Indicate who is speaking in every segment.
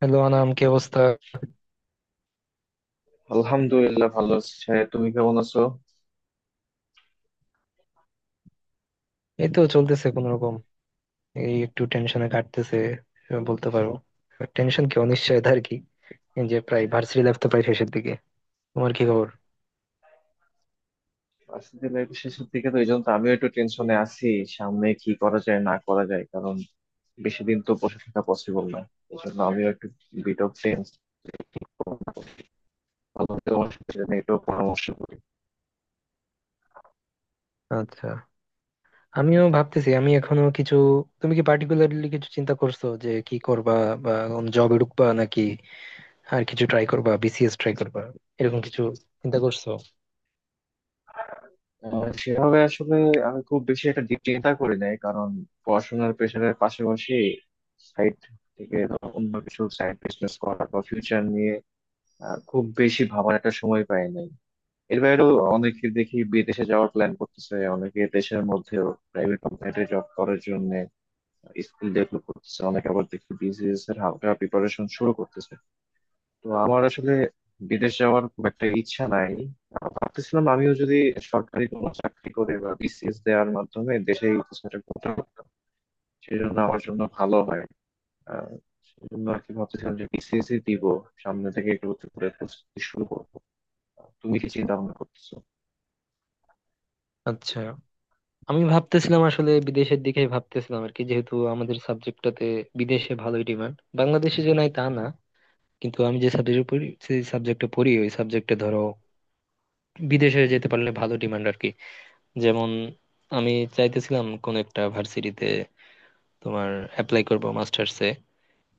Speaker 1: Hello Anam, কি অবস্থা?
Speaker 2: আলহামদুলিল্লাহ, ভালো আছি সাহেব। তুমি কেমন আছো?
Speaker 1: এই তো চলতেছে কোন রকম। এই একটু টেনশনে কাটতেছে বলতে পারো। টেনশন কি, অনিশ্চয়তা আর কি। এই যে প্রায় ভার্সিটি লাইফ তো প্রায় শেষের দিকে। তোমার কি খবর?
Speaker 2: ভার্সিটি লাইফের শেষের দিকে, তো এই জন্য তো আমিও একটু টেনশনে আছি। সামনে কি করা যায় না করা যায়, কারণ বেশি দিন তো বসে থাকা পসিবল না। এই জন্য আমিও একটু বিট অফ টেন্স। তোমার সাথে এটা নিয়ে একটু পরামর্শ করি।
Speaker 1: আচ্ছা, আমিও ভাবতেছি, আমি এখনো কিছু। তুমি কি পার্টিকুলারলি কিছু চিন্তা করছো যে কি করবা? বা কোন জবে ঢুকবা নাকি আর কিছু ট্রাই করবা, বিসিএস ট্রাই করবা, এরকম কিছু চিন্তা করছো?
Speaker 2: সেভাবে আসলে আমি খুব বেশি একটা deep চিন্তা করি নাই, কারণ পড়াশোনার প্রেশারের পাশাপাশি সাইড থেকে ধরো অন্য কিছু সাইড বিজনেস করা বা ফিউচার নিয়ে খুব বেশি ভাবার একটা সময় পাই নাই। এর বাইরেও অনেকে দেখি বিদেশে যাওয়ার প্ল্যান করতেছে, অনেকে দেশের মধ্যেও প্রাইভেট কোম্পানিতে জব করার জন্য স্কিল ডেভেলপ করতেছে, অনেকে আবার দেখি বিসিএস এর হালকা প্রিপারেশন শুরু করতেছে। তো আমার আসলে বিদেশ যাওয়ার খুব একটা ইচ্ছা নাই। ভাবতেছিলাম আমিও যদি সরকারি কোনো চাকরি করে বা বিসিএস দেওয়ার মাধ্যমে দেশে এই কিছুটা করতে পারতাম, সেজন্য আমার জন্য ভালো হয়। আহ সেজন্য আর কি ভাবতেছিলাম যে বিসিএস দিব, সামনে থেকে একটু করে প্রস্তুতি শুরু করবো। তুমি কি চিন্তা ভাবনা করতেছো?
Speaker 1: আচ্ছা, আমি ভাবতেছিলাম আসলে বিদেশের দিকে ভাবতেছিলাম আর কি, যেহেতু আমাদের সাবজেক্টটাতে বিদেশে ভালোই ডিমান্ড, বাংলাদেশে যে নাই তা না, কিন্তু আমি যে সাবজেক্টে পড়ি সেই সাবজেক্টে পড়ি, ওই সাবজেক্টে ধরো বিদেশে যেতে পারলে ভালো ডিমান্ড আর কি। যেমন আমি চাইতেছিলাম কোন একটা ভার্সিটিতে তোমার অ্যাপ্লাই করব মাস্টার্সে,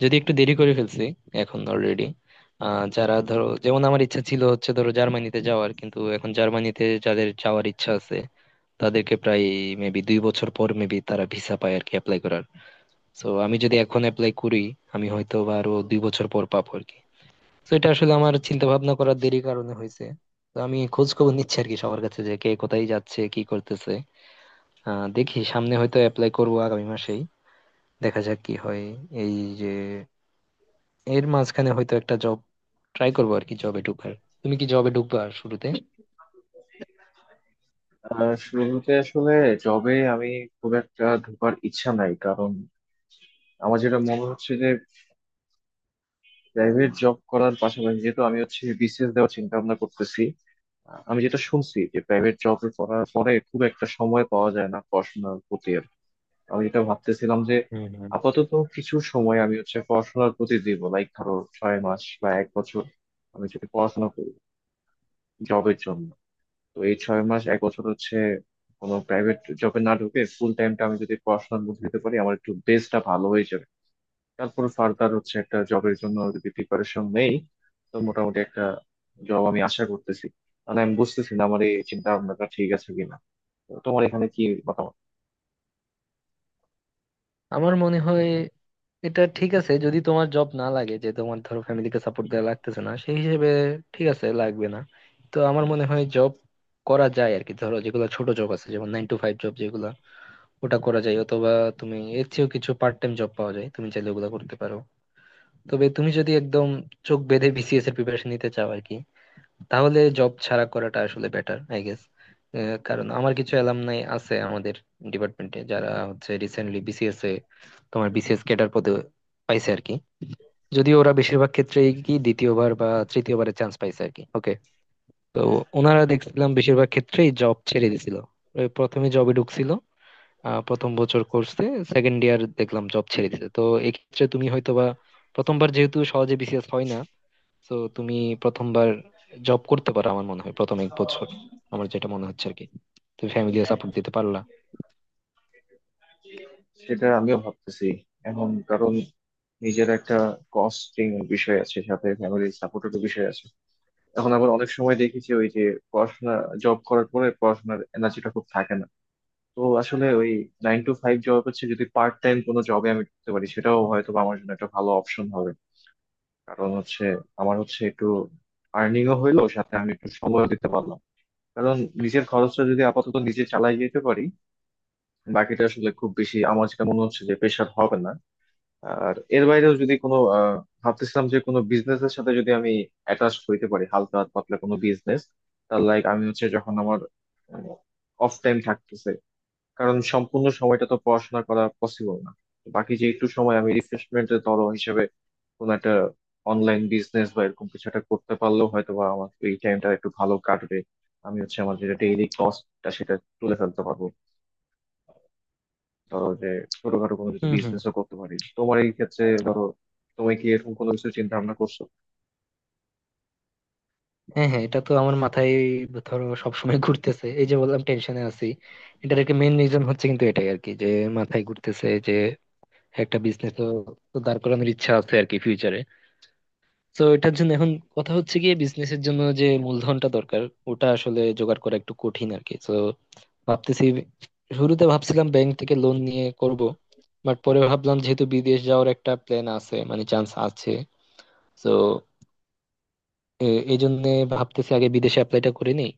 Speaker 1: যদি একটু দেরি করে ফেলছি এখন অলরেডি। যারা ধরো, যেমন আমার ইচ্ছা ছিল হচ্ছে ধরো জার্মানিতে যাওয়ার, কিন্তু এখন জার্মানিতে যাদের যাওয়ার ইচ্ছা আছে তাদেরকে প্রায় মেবি 2 বছর পর মেবি তারা ভিসা পায় আর কি অ্যাপ্লাই করার। তো আমি যদি এখন অ্যাপ্লাই করি, আমি হয়তো বা আরো 2 বছর পর পাবো আর কি। তো এটা আসলে আমার চিন্তা ভাবনা করার দেরি কারণে হয়েছে। তো আমি খোঁজ খবর নিচ্ছি আর কি সবার কাছে, যে কে কোথায় যাচ্ছে, কি করতেছে। দেখি সামনে হয়তো অ্যাপ্লাই করবো আগামী মাসেই, দেখা যাক কি হয়। এই যে এর মাঝখানে হয়তো একটা জব ট্রাই করবো আর কি, জবে ঢুকার। তুমি কি জবে ঢুকবা শুরুতে?
Speaker 2: শুরুতে আসলে জবে আমি খুব একটা ঢোকার ইচ্ছা নাই, কারণ আমার যেটা মনে হচ্ছে যে প্রাইভেট জব করার পাশাপাশি যেহেতু আমি হচ্ছে বিসিএস দেওয়ার চিন্তা ভাবনা করতেছি। আমি যেটা শুনছি যে প্রাইভেট জব করার পরে খুব একটা সময় পাওয়া যায় না পড়াশোনার প্রতি, আর কি। আমি যেটা ভাবতেছিলাম যে
Speaker 1: হম, হম।
Speaker 2: আপাতত কিছু সময় আমি হচ্ছে পড়াশোনার প্রতি দিব, লাইক ধরো ছয় মাস বা এক বছর। আমি যদি পড়াশোনা করি জবের জন্য, তো এই ছয় মাস এক বছর হচ্ছে কোনো প্রাইভেট জবে না ঢুকে ফুল টাইমটা আমি যদি পড়াশোনার মধ্যে দিতে পারি, আমার একটু বেসটা ভালো হয়ে যাবে। তারপর ফার্দার হচ্ছে একটা জবের জন্য যদি প্রিপারেশন নেই, তো মোটামুটি একটা জব আমি আশা করতেছি। মানে আমি বুঝতেছি না আমার এই চিন্তা ভাবনাটা ঠিক আছে কিনা। তো তোমার এখানে কি মতামত?
Speaker 1: আমার মনে হয় এটা ঠিক আছে, যদি তোমার জব না লাগে, যে তোমার ধরো ফ্যামিলিকে সাপোর্ট দেওয়া লাগতেছে না সেই হিসেবে, ঠিক আছে, লাগবে না। তো আমার মনে হয় জব করা যায় আর কি, ধরো যেগুলো ছোট জব আছে, যেমন 9 টু 5 জব, যেগুলো ওটা করা যায়। অথবা তুমি এর চেয়েও কিছু পার্ট টাইম জব পাওয়া যায়, তুমি চাইলে ওগুলো করতে পারো। তবে তুমি যদি একদম চোখ বেঁধে বিসিএস এর প্রিপারেশন নিতে চাও আর কি, তাহলে জব ছাড়া করাটা আসলে বেটার আই গেস। কারণ আমার কিছু অ্যালামনাই আছে আমাদের ডিপার্টমেন্টে যারা হচ্ছে রিসেন্টলি বিসিএস এ তোমার বিসিএস ক্যাডার পদে পাইছে আর কি। যদিও ওরা বেশিরভাগ ক্ষেত্রেই কি দ্বিতীয়বার বা তৃতীয়বারের চান্স পাইছে আর কি, ওকে। তো ওনারা দেখছিলাম বেশিরভাগ ক্ষেত্রেই জব ছেড়ে দিছিল, ওই প্রথমে জবে ঢুকছিল। প্রথম বছর কোর্সে সেকেন্ড ইয়ার দেখলাম জব ছেড়ে দিছে। তো এক্ষেত্রে তুমি হয়তোবা প্রথমবার যেহেতু সহজে বিসিএস হয় না, তো তুমি প্রথমবার জব করতে পারো, আমার মনে হয় প্রথম 1 বছর। আমার যেটা মনে হচ্ছে আর কি, তুমি ফ্যামিলিও সাপোর্ট দিতে পারলা।
Speaker 2: সেটা আমিও ভাবতেছি এখন, কারণ নিজের একটা কস্টিং বিষয় আছে, সাথে ফ্যামিলির সাপোর্টের বিষয় আছে। এখন আবার অনেক সময় দেখেছি ওই যে পড়াশোনা, জব করার পরে পড়াশোনার এনার্জিটা খুব থাকে না। তো আসলে ওই নাইন টু ফাইভ জব হচ্ছে, যদি পার্ট টাইম কোনো জবে আমি ঢুকতে পারি, সেটাও হয়তো বা আমার জন্য একটা ভালো অপশন হবে। কারণ হচ্ছে আমার হচ্ছে একটু আর্নিংও হইলো, সাথে আমি একটু সময় দিতে পারলাম। কারণ নিজের খরচটা যদি আপাতত নিজে চালাই যেতে পারি, বাকিটা আসলে খুব বেশি আমার যেটা মনে হচ্ছে যে প্রেশার হবে না। আর এর বাইরেও যদি কোনো ভাবতেছিলাম যে কোনো বিজনেস এর সাথে যদি আমি অ্যাটাচ হইতে পারি, হালকা পাতলা কোনো বিজনেস, তার লাইক আমি হচ্ছে যখন আমার অফ টাইম থাকতেছে, কারণ সম্পূর্ণ সময়টা তো পড়াশোনা করা পসিবল না। তো বাকি যে একটু সময় আমি রিফ্রেশমেন্টের ধরো হিসেবে কোনো একটা অনলাইন বিজনেস বা এরকম কিছু একটা করতে পারলেও হয়তো বা আমার এই টাইমটা একটু ভালো কাটবে। আমি হচ্ছে আমার যেটা ডেইলি কস্টটা, সেটা তুলে ফেলতে পারবো। ধরো যে ছোটখাটো কোনো কিছু
Speaker 1: হুম, হুম।
Speaker 2: বিজনেসও করতে পারি তোমার এই ক্ষেত্রে ধরো। তুমি কি এরকম কোনো কিছু চিন্তা ভাবনা করছো?
Speaker 1: হ্যাঁ, হ্যাঁ, এটা তো আমার মাথায় ধরো সবসময় ঘুরতেছে, এই যে বললাম টেনশনে আছি, এটার একটা মেন রিজন হচ্ছে কিন্তু এটাই আর কি, যে মাথায় ঘুরতেছে যে একটা বিজনেস তো তো দাঁড় করানোর ইচ্ছা আছে আর কি ফিউচারে। তো এটার জন্য এখন কথা হচ্ছে গিয়ে, বিজনেসের জন্য যে মূলধনটা দরকার ওটা আসলে জোগাড় করা একটু কঠিন আর কি। তো ভাবতেছি, শুরুতে ভাবছিলাম ব্যাংক থেকে লোন নিয়ে করব, বাট পরে ভাবলাম যেহেতু বিদেশ যাওয়ার একটা প্ল্যান আছে, মানে চান্স আছে, তো এই জন্য ভাবতেছি আগে বিদেশে অ্যাপ্লাইটা করে নিই।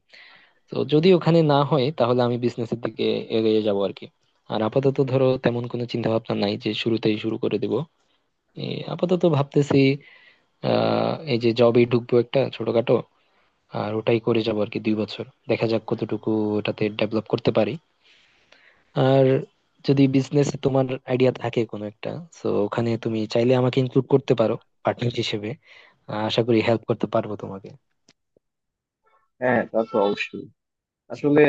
Speaker 1: তো যদি ওখানে না হয় তাহলে আমি বিজনেসের দিকে এগিয়ে যাব আর কি। আর আপাতত ধরো তেমন কোনো চিন্তা ভাবনা নাই যে শুরুতেই শুরু করে দেব। আপাতত ভাবতেছি এই যে জবে ঢুকবো একটা ছোটখাটো, আর ওটাই করে যাবো আর কি 2 বছর, দেখা যাক কতটুকু ওটাতে ডেভেলপ করতে পারি। আর যদি বিজনেস তোমার আইডিয়া থাকে কোনো একটা, তো ওখানে তুমি চাইলে আমাকে ইনক্লুড করতে পারো পার্টনার হিসেবে। আশা করি হেল্প করতে পারবো তোমাকে।
Speaker 2: হ্যাঁ, তা তো অবশ্যই। আসলে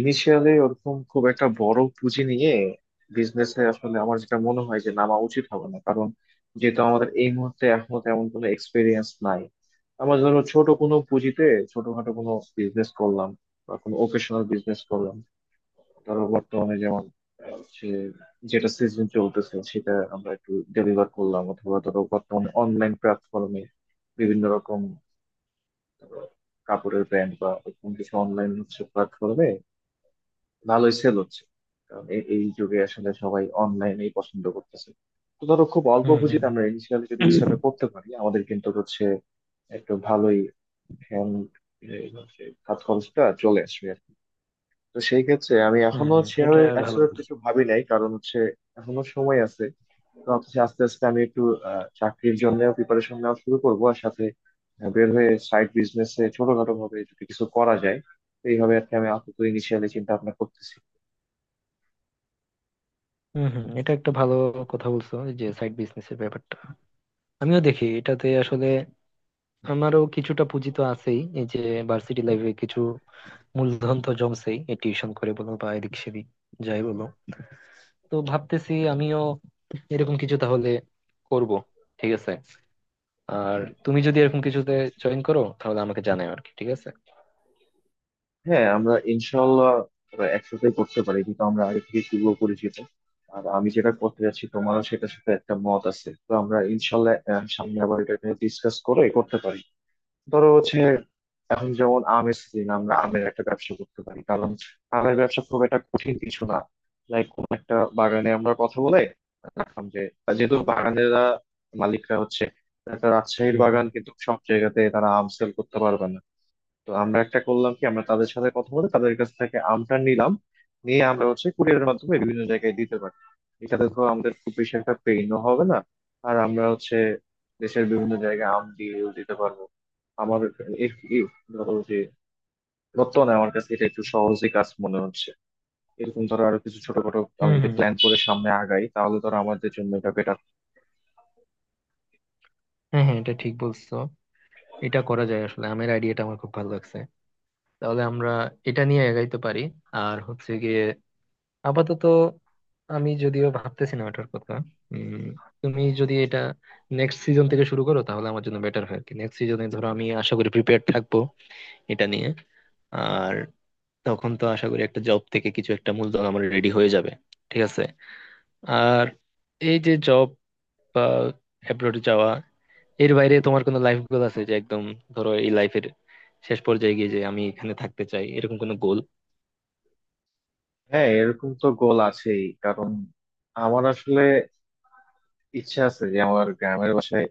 Speaker 2: ইনিশিয়ালি ওরকম খুব একটা বড় পুঁজি নিয়ে বিজনেসে আসলে আমার যেটা মনে হয় যে নামা উচিত হবে না, কারণ যেহেতু আমাদের এই মুহূর্তে এখনো তেমন কোনো এক্সপিরিয়েন্স নাই। আমরা ধরো ছোট কোনো পুঁজিতে ছোটখাটো কোনো বিজনেস করলাম বা কোনো ওকেশনাল বিজনেস করলাম। ধরো বর্তমানে যেমন সে যেটা সিজন চলতেছে সেটা আমরা একটু ডেলিভার করলাম, অথবা ধরো বর্তমানে অনলাইন প্ল্যাটফর্মে বিভিন্ন রকম ধরো কাপড়ের ব্র্যান্ড বা এরকম কিছু অনলাইন হচ্ছে প্ল্যাটফর্মে ভালোই সেল হচ্ছে, কারণ এই যুগে আসলে সবাই অনলাইনেই পছন্দ করতেছে। তো ধরো খুব অল্প
Speaker 1: হুম, হুম,
Speaker 2: পুঁজিতে
Speaker 1: হুম।
Speaker 2: আমরা ইনিশিয়ালি যদি কিছু একটা করতে পারি, আমাদের কিন্তু হচ্ছে একটু ভালোই হ্যান্ড হাত খরচটা চলে আসবে আর কি। তো সেই ক্ষেত্রে আমি
Speaker 1: হুম,
Speaker 2: এখনো
Speaker 1: হুম, এটা
Speaker 2: সেভাবে
Speaker 1: ভালো
Speaker 2: অ্যাবসলিউট
Speaker 1: বলছো।
Speaker 2: কিছু ভাবি নাই, কারণ হচ্ছে এখনো সময় আছে। তো হচ্ছে আস্তে আস্তে আমি একটু চাকরির জন্য প্রিপারেশন নেওয়া শুরু করবো, আর সাথে বের হয়ে সাইড বিজনেসে ছোটখাটো ভাবে যদি কিছু করা যায়। তো এইভাবে আর কি আমি আপাতত ইনিশিয়ালি চিন্তা ভাবনা করতেছি।
Speaker 1: হুম, হুম, এটা একটা ভালো কথা বলছো, এই যে সাইড বিজনেস এর ব্যাপারটা। আমিও দেখি এটাতে আসলে আমারও কিছুটা পুঁজি তো আছেই, এই যে ভার্সিটি লাইফে কিছু মূলধন তো জমছেই, এই টিউশন করে বলো বা এদিক সেদিক যাই বলো। তো ভাবতেছি আমিও এরকম কিছু তাহলে করব, ঠিক আছে। আর তুমি যদি এরকম কিছুতে জয়েন করো তাহলে আমাকে জানাও আর কি, ঠিক আছে।
Speaker 2: হ্যাঁ, আমরা ইনশাল্লাহ একসাথে করতে পারি, কিন্তু আমরা আগে থেকে পূর্ব পরিচিত, আর আমি যেটা করতে যাচ্ছি তোমারও সেটার সাথে একটা মত আছে। তো আমরা ইনশাল্লাহ সামনে আবার এটা ডিসকাস করে করতে পারি। ধরো হচ্ছে এখন যেমন আমের সিজন, আমরা আমের একটা ব্যবসা করতে পারি, কারণ আমের ব্যবসা খুব একটা কঠিন কিছু না। লাইক কোন একটা বাগানে আমরা কথা বলে রাখলাম যে, যেহেতু বাগানেরা মালিকরা হচ্ছে একটা রাজশাহীর
Speaker 1: হুম, হুম।
Speaker 2: বাগান, কিন্তু সব জায়গাতে তারা আম সেল করতে পারবে না, তো আমরা একটা করলাম কি, আমরা তাদের সাথে কথা বলে তাদের কাছ থেকে আমটা নিলাম, নিয়ে আমরা হচ্ছে কুরিয়ারের মাধ্যমে বিভিন্ন জায়গায় দিতে পারি। এটাতে তো আমাদের খুব বেশি একটা পেইনও হবে না, আর আমরা হচ্ছে দেশের বিভিন্ন জায়গায় আম দিয়ে দিতে পারবো। আমার এ- এ- ধরো যে বর্তমানে আমার কাছে এটা একটু সহজই কাজ মনে হচ্ছে। এরকম ধরো আরো কিছু ছোটখাটো আমি
Speaker 1: হুম,
Speaker 2: যদি
Speaker 1: হুম।
Speaker 2: প্ল্যান করে সামনে আগাই, তাহলে ধরো আমাদের জন্য এটা বেটার।
Speaker 1: হ্যাঁ, হ্যাঁ, এটা ঠিক বলছো, এটা করা যায় আসলে। আমের আইডিয়াটা আমার খুব ভালো লাগছে, তাহলে আমরা এটা নিয়ে এগাইতে পারি। আর হচ্ছে গিয়ে আপাতত আমি যদিও ভাবতেছি না ওটার কথা। উম তুমি যদি এটা নেক্সট সিজন থেকে শুরু করো তাহলে আমার জন্য বেটার হয় আর কি। নেক্সট সিজনে ধরো আমি আশা করি প্রিপেয়ার থাকবো এটা নিয়ে। আর তখন তো আশা করি একটা জব থেকে কিছু একটা মূলধন আমার রেডি হয়ে যাবে, ঠিক আছে। আর এই যে জব বা অ্যাব্রোডে যাওয়া, এর বাইরে তোমার কোনো লাইফ গোল আছে, যে একদম ধরো এই লাইফের শেষ পর্যায়ে গিয়ে যে আমি এখানে থাকতে চাই, এরকম কোনো গোল?
Speaker 2: হ্যাঁ, এরকম তো গোল আছেই, কারণ আমার আসলে ইচ্ছা আছে যে আমার গ্রামের বাসায়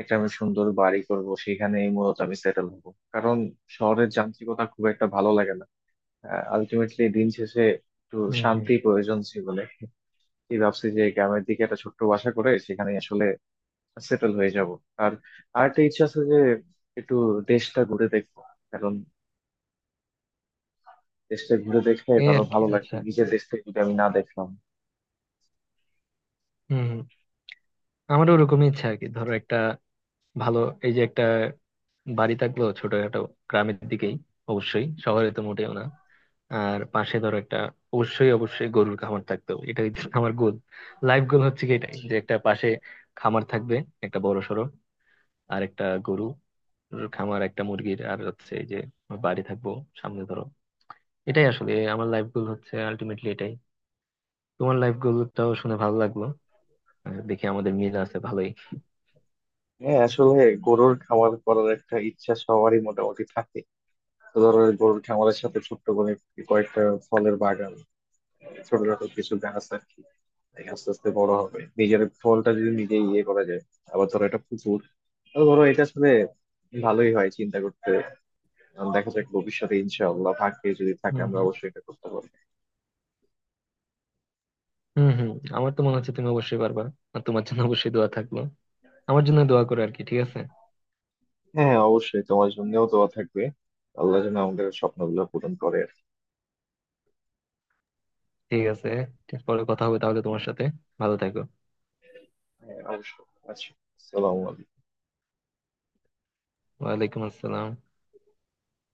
Speaker 2: একটা আমি সুন্দর বাড়ি করব, সেখানেই মূলত আমি সেটেল হব। কারণ শহরের যান্ত্রিকতা খুব একটা ভালো লাগে না। আলটিমেটলি দিন শেষে একটু
Speaker 1: হম, হম।
Speaker 2: শান্তি প্রয়োজন জীবনে। এই ভাবছি যে গ্রামের দিকে একটা ছোট্ট বাসা করে সেখানে আসলে সেটেল হয়ে যাব। আর আরেকটা ইচ্ছা আছে যে একটু দেশটা ঘুরে দেখবো, কারণ দেশটা ঘুরে দেখলে
Speaker 1: এই
Speaker 2: তারও
Speaker 1: আর কি,
Speaker 2: ভালো লাগবে,
Speaker 1: আচ্ছা।
Speaker 2: নিজের দেশটা যদি আমি না দেখলাম।
Speaker 1: হম, হম। আমারও ওরকমই ইচ্ছা আর কি, ধরো একটা ভালো এই যে একটা বাড়ি থাকলেও ছোটখাটো, গ্রামের দিকেই, অবশ্যই শহরে তো মোটেও না। আর পাশে ধরো একটা অবশ্যই অবশ্যই গরুর খামার থাকতো, এটা হচ্ছে আমার গোল। লাইফ গোল হচ্ছে কি এটাই, যে একটা পাশে খামার থাকবে একটা বড় সড়ো, আর একটা গরু খামার, একটা মুরগির, আর হচ্ছে এই যে আমার বাড়ি থাকবো সামনে ধরো। এটাই আসলে আমার লাইফ গোল হচ্ছে, আলটিমেটলি এটাই। তোমার লাইফ গোলটাও শুনে ভালো লাগলো, আর দেখি আমাদের মিল আছে ভালোই।
Speaker 2: হ্যাঁ, আসলে গরুর খামার করার একটা ইচ্ছা সবারই মোটামুটি থাকে। তো ধরো গরুর খামারের সাথে ছোট্ট করে কয়েকটা ফলের বাগান, ছোটখাটো কিছু গাছ আর কি, এই আস্তে আস্তে বড় হবে, নিজের ফলটা যদি নিজে ইয়ে করা যায়। আবার ধরো এটা পুকুর, তো ধরো এটা আসলে ভালোই হয় চিন্তা করতে। আহ, দেখা যাক ভবিষ্যতে ইনশাআল্লাহ ভাগ্যে যদি
Speaker 1: হম,
Speaker 2: থাকে আমরা
Speaker 1: হম।
Speaker 2: অবশ্যই এটা করতে পারবো।
Speaker 1: হম, হম। আমার তো মনে হচ্ছে তুমি অবশ্যই পারবা, আর তোমার জন্য অবশ্যই দোয়া থাকলো। আমার জন্য দোয়া করো আর কি, ঠিক আছে।
Speaker 2: হ্যাঁ, অবশ্যই তোমার জন্যও দোয়া থাকবে। আল্লাহ যেন আমাদের স্বপ্নগুলো পূরণ করে আর কি।
Speaker 1: ঠিক আছে, পরে কথা হবে তাহলে তোমার সাথে। ভালো থেকো।
Speaker 2: হ্যাঁ, অবশ্যই। আচ্ছা। আসসালামু আলাইকুম।
Speaker 1: ওয়ালাইকুম আসসালাম।